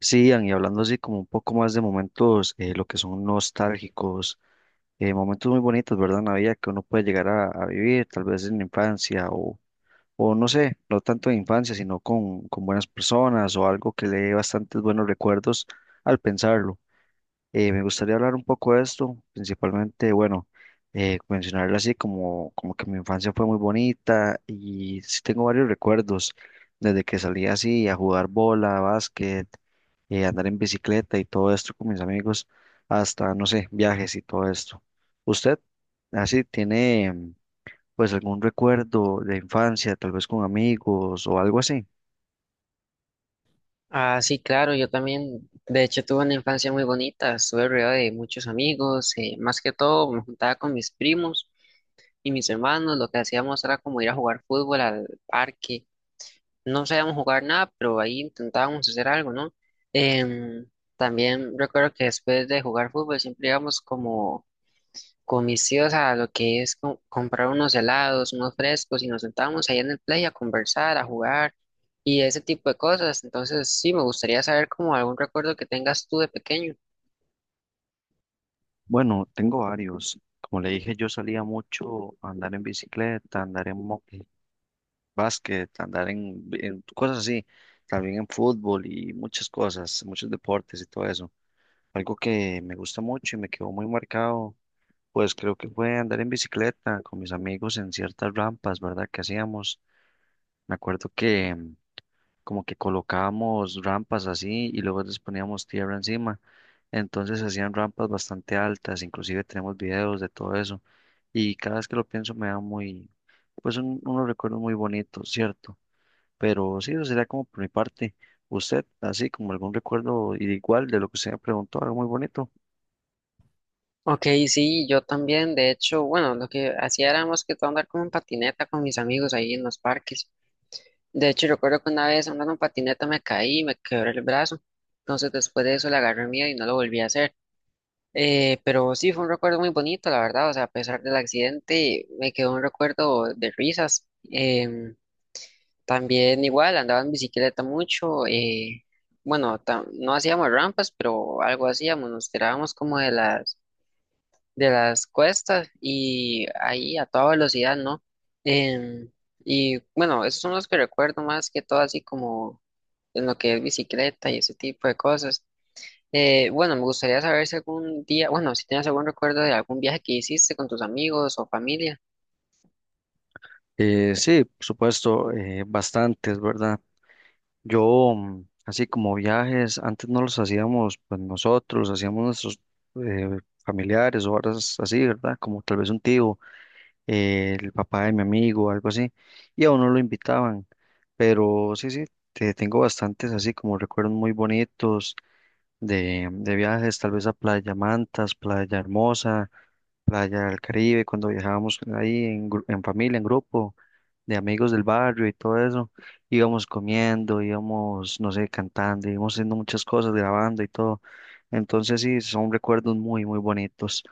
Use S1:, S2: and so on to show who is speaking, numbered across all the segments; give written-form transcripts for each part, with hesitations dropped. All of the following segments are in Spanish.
S1: Sí, Ian, y hablando así como un poco más de momentos, lo que son nostálgicos, momentos muy bonitos, ¿verdad? En la vida que uno puede llegar a vivir, tal vez en la infancia o no sé, no tanto en infancia, sino con buenas personas o algo que le dé bastantes buenos recuerdos al pensarlo. Me gustaría hablar un poco de esto, principalmente, bueno, mencionarlo así como, como que mi infancia fue muy bonita y sí tengo varios recuerdos, desde que salí así a jugar bola, básquet, andar en bicicleta y todo esto con mis amigos, hasta, no sé, viajes y todo esto. ¿Usted así tiene pues algún recuerdo de infancia, tal vez con amigos o algo así?
S2: Ah, sí, claro, yo también, de hecho, tuve una infancia muy bonita, estuve rodeado de muchos amigos, más que todo me juntaba con mis primos y mis hermanos, lo que hacíamos era como ir a jugar fútbol al parque, no sabíamos jugar nada, pero ahí intentábamos hacer algo, ¿no? Em, También recuerdo que después de jugar fútbol siempre íbamos como con mis tíos a lo que es comprar unos helados, unos frescos y nos sentábamos ahí en el play a conversar, a jugar y ese tipo de cosas. Entonces, sí, me gustaría saber como algún recuerdo que tengas tú de pequeño.
S1: Bueno, tengo varios. Como le dije, yo salía mucho a andar en bicicleta, a andar en moto, básquet, andar en cosas así, también en fútbol y muchas cosas, muchos deportes y todo eso. Algo que me gusta mucho y me quedó muy marcado, pues creo que fue andar en bicicleta con mis amigos en ciertas rampas, ¿verdad? Que hacíamos. Me acuerdo que como que colocábamos rampas así y luego les poníamos tierra encima. Entonces hacían rampas bastante altas, inclusive tenemos videos de todo eso. Y cada vez que lo pienso me da muy, pues unos recuerdos muy bonitos, ¿cierto? Pero sí, eso sería como por mi parte. Usted, así como algún recuerdo igual de lo que usted me preguntó, algo muy bonito.
S2: Ok, sí, yo también, de hecho, bueno, lo que hacía era más que todo andar como en patineta con mis amigos ahí en los parques. De hecho, recuerdo que una vez andando en patineta me caí y me quebré el brazo. Entonces, después de eso le agarré miedo y no lo volví a hacer. Pero sí, fue un recuerdo muy bonito, la verdad. O sea, a pesar del accidente, me quedó un recuerdo de risas. Em, También igual, andaba en bicicleta mucho. Bueno, no hacíamos rampas, pero algo hacíamos. Nos tirábamos como de las cuestas y ahí a toda velocidad, ¿no? Em, y bueno, esos son los que recuerdo más que todo, así como en lo que es bicicleta y ese tipo de cosas. Bueno, me gustaría saber si algún día, bueno, si tienes algún recuerdo de algún viaje que hiciste con tus amigos o familia.
S1: Sí, por supuesto, bastantes, ¿verdad? Yo, así como viajes, antes no los hacíamos pues nosotros, los hacíamos nuestros eh, familiares o horas así, ¿verdad? Como tal vez un tío, el papá de mi amigo, algo así, y a uno lo invitaban. Pero sí, sí, tengo bastantes así como recuerdos muy bonitos de viajes, tal vez a Playa Mantas, Playa Hermosa, playa del Caribe, cuando viajábamos ahí en, en familia, en grupo, de amigos del barrio y todo eso, íbamos comiendo, íbamos, no sé, cantando, íbamos haciendo muchas cosas, grabando y todo. Entonces sí, son recuerdos muy, muy bonitos.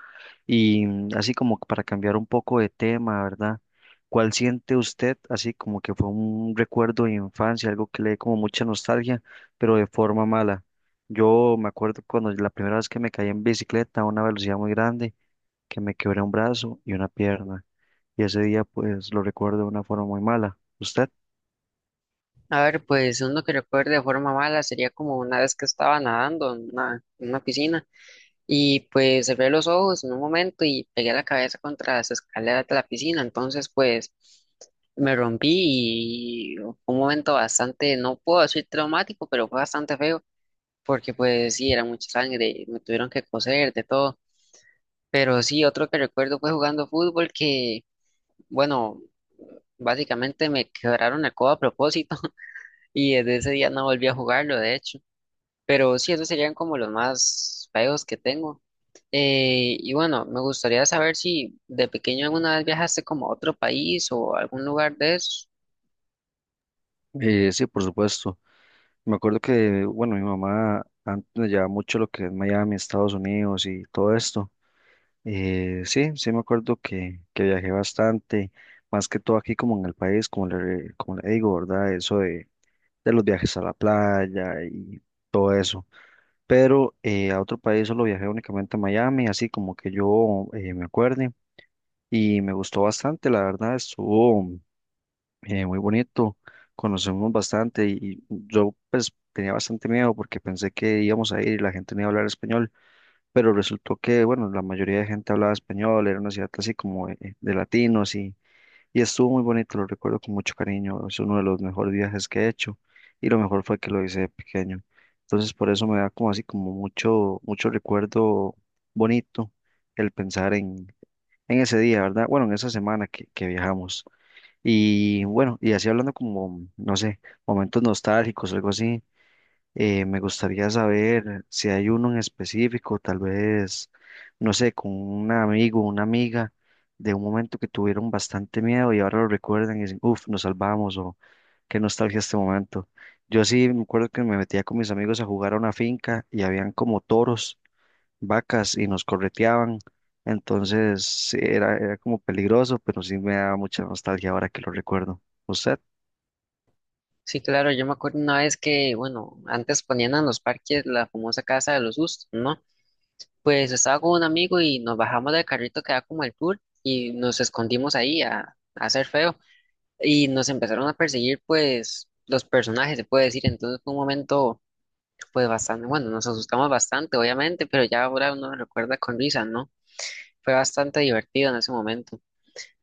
S1: Y así como para cambiar un poco de tema, ¿verdad? ¿Cuál siente usted así como que fue un recuerdo de infancia, algo que le dé como mucha nostalgia, pero de forma mala? Yo me acuerdo cuando la primera vez que me caí en bicicleta a una velocidad muy grande que me quebré un brazo y una pierna. Y ese día pues lo recuerdo de una forma muy mala. ¿Usted?
S2: A ver, pues uno que recuerde de forma mala sería como una vez que estaba nadando en una piscina y pues cerré los ojos en un momento y pegué la cabeza contra las escaleras de la piscina. Entonces, pues me rompí y fue un momento bastante, no puedo decir traumático, pero fue bastante feo porque pues sí, era mucha sangre, me tuvieron que coser de todo. Pero sí, otro que recuerdo fue jugando fútbol que, bueno, básicamente me quebraron el codo a propósito y desde ese día no volví a jugarlo, de hecho. Pero sí, esos serían como los más feos que tengo. Y bueno, me gustaría saber si de pequeño alguna vez viajaste como a otro país o a algún lugar de eso.
S1: Sí, por supuesto. Me acuerdo que, bueno, mi mamá antes me llevaba mucho lo que es Miami, Estados Unidos y todo esto. Sí, sí me acuerdo que viajé bastante, más que todo aquí como en el país, como le digo, ¿verdad? Eso de los viajes a la playa y todo eso. Pero a otro país solo viajé únicamente a Miami, así como que yo me acuerde. Y me gustó bastante, la verdad, estuvo muy bonito, conocemos bastante y yo pues tenía bastante miedo porque pensé que íbamos a ir y la gente no iba a hablar español, pero resultó que, bueno, la mayoría de gente hablaba español, era una ciudad así como de latinos y estuvo muy bonito, lo recuerdo con mucho cariño, es uno de los mejores viajes que he hecho y lo mejor fue que lo hice de pequeño, entonces por eso me da como así como mucho, mucho recuerdo bonito el pensar en ese día, ¿verdad? Bueno, en esa semana que viajamos. Y bueno, y así hablando como, no sé, momentos nostálgicos algo así, me gustaría saber si hay uno en específico, tal vez, no sé, con un amigo, una amiga, de un momento que tuvieron bastante miedo y ahora lo recuerdan y dicen, uff, nos salvamos o qué nostalgia este momento. Yo sí me acuerdo que me metía con mis amigos a jugar a una finca y habían como toros, vacas y nos correteaban. Entonces sí, era, era como peligroso, pero sí me da mucha nostalgia ahora que lo recuerdo. ¿Usted?
S2: Sí, claro, yo me acuerdo una vez que, bueno, antes ponían en los parques la famosa casa de los sustos, ¿no? Pues estaba con un amigo y nos bajamos del carrito que da como el tour y nos escondimos ahí a hacer feo y nos empezaron a perseguir pues los personajes, se puede decir, entonces fue un momento pues bastante, bueno, nos asustamos bastante obviamente, pero ya ahora uno lo recuerda con risa, ¿no? Fue bastante divertido en ese momento.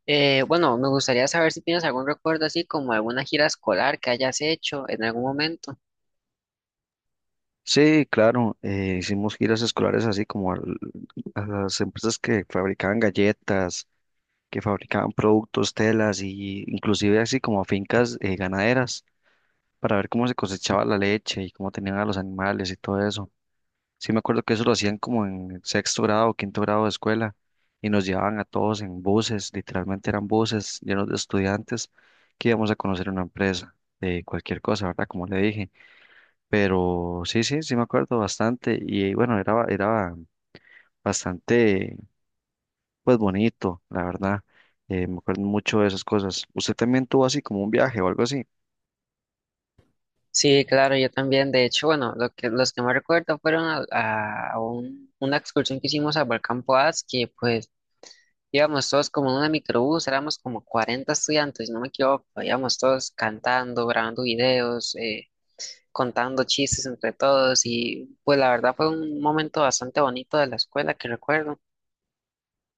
S2: Bueno, me gustaría saber si tienes algún recuerdo así como alguna gira escolar que hayas hecho en algún momento.
S1: Sí, claro, hicimos giras escolares así como a las empresas que fabricaban galletas, que fabricaban productos, telas y inclusive así como a fincas ganaderas para ver cómo se cosechaba la leche y cómo tenían a los animales y todo eso. Sí, me acuerdo que eso lo hacían como en sexto grado o quinto grado de escuela y nos llevaban a todos en buses, literalmente eran buses llenos de estudiantes que íbamos a conocer una empresa de cualquier cosa, ¿verdad? Como le dije. Pero sí, sí, sí me acuerdo bastante y bueno, era, era bastante, pues bonito, la verdad. Me acuerdo mucho de esas cosas. ¿Usted también tuvo así como un viaje o algo así?
S2: Sí, claro, yo también. De hecho, bueno, lo que, los que más recuerdo fueron a, a una excursión que hicimos al Volcán Poás, que pues íbamos todos como en una microbús, éramos como 40 estudiantes, si no me equivoco, íbamos todos cantando, grabando videos, contando chistes entre todos y pues la verdad fue un momento bastante bonito de la escuela que recuerdo.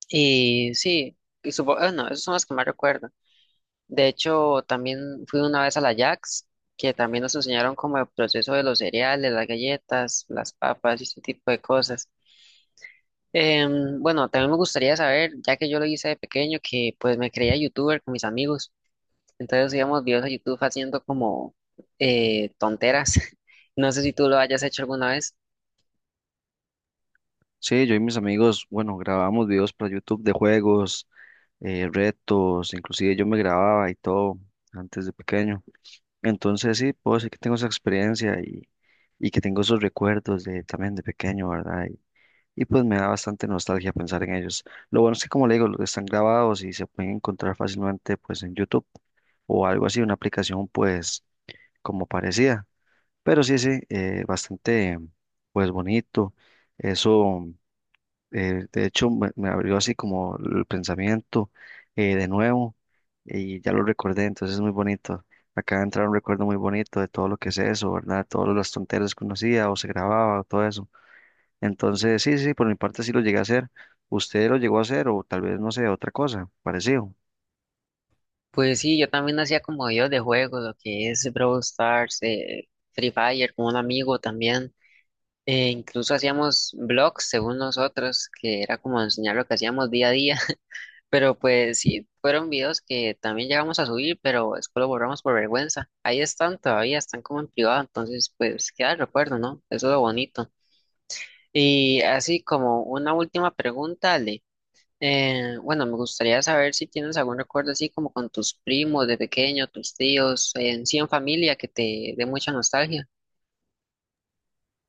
S2: Y sí, bueno, esos son los que más recuerdo. De hecho, también fui una vez a la Jax, que también nos enseñaron como el proceso de los cereales, las galletas, las papas y ese tipo de cosas. Bueno, también me gustaría saber, ya que yo lo hice de pequeño, que pues me creía youtuber con mis amigos. Entonces íbamos videos a YouTube haciendo como tonteras. No sé si tú lo hayas hecho alguna vez.
S1: Sí, yo y mis amigos, bueno, grabamos videos para YouTube de juegos, retos, inclusive yo me grababa y todo antes de pequeño. Entonces sí, puedo decir que tengo esa experiencia y que tengo esos recuerdos de, también de pequeño, ¿verdad? Y, pues me da bastante nostalgia pensar en ellos. Lo bueno es que como le digo, están grabados y se pueden encontrar fácilmente pues en YouTube o algo así, una aplicación pues como parecida. Pero sí, sí, bastante pues bonito. Eso de hecho, me abrió así como el pensamiento de nuevo y ya lo recordé, entonces es muy bonito. Acaba de entrar un recuerdo muy bonito de todo lo que es eso, ¿verdad? Todas las tonteras que uno hacía o se grababa o todo eso. Entonces, sí, sí, por mi parte sí lo llegué a hacer. ¿Usted lo llegó a hacer o tal vez, no sé, otra cosa parecido?
S2: Pues sí, yo también hacía como videos de juegos, lo que es Brawl Stars, Free Fire, con un amigo también. Incluso hacíamos blogs según nosotros, que era como enseñar lo que hacíamos día a día. Pero pues sí, fueron videos que también llegamos a subir, pero después lo borramos por vergüenza. Ahí están todavía, están como en privado, entonces pues queda el recuerdo, ¿no? Eso es lo bonito. Y así como una última pregunta, Ale. Bueno, me gustaría saber si tienes algún recuerdo así como con tus primos de pequeño, tus tíos, en sí en familia que te dé mucha nostalgia.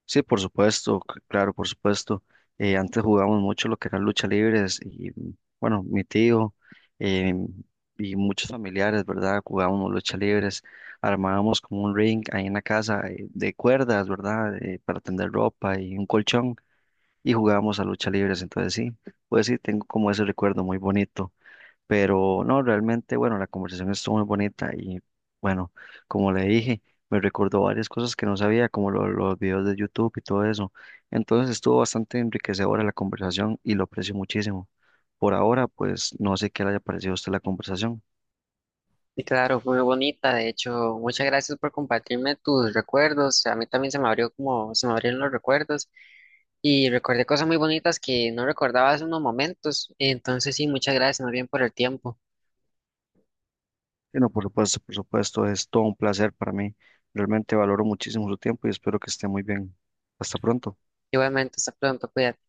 S1: Sí, por supuesto, claro, por supuesto. Antes jugábamos mucho lo que eran lucha libres y bueno, mi tío eh, y muchos familiares, ¿verdad? Jugábamos lucha libres, armábamos como un ring ahí en la casa de cuerdas, ¿verdad? Para tender ropa y un colchón y jugábamos a lucha libres. Entonces sí, pues sí, tengo como ese recuerdo muy bonito. Pero no, realmente, bueno, la conversación estuvo muy bonita y bueno, como le dije, me recordó varias cosas que no sabía, como los videos de YouTube y todo eso. Entonces estuvo bastante enriquecedora la conversación y lo aprecio muchísimo. Por ahora, pues no sé qué le haya parecido a usted la conversación.
S2: Y claro, fue muy bonita. De hecho, muchas gracias por compartirme tus recuerdos. A mí también se me abrió como se me abrieron los recuerdos y recordé cosas muy bonitas que no recordaba hace unos momentos. Entonces, sí, muchas gracias más bien por el tiempo.
S1: Bueno, por supuesto, es todo un placer para mí. Realmente valoro muchísimo su tiempo y espero que esté muy bien. Hasta pronto.
S2: Igualmente, hasta pronto, cuídate.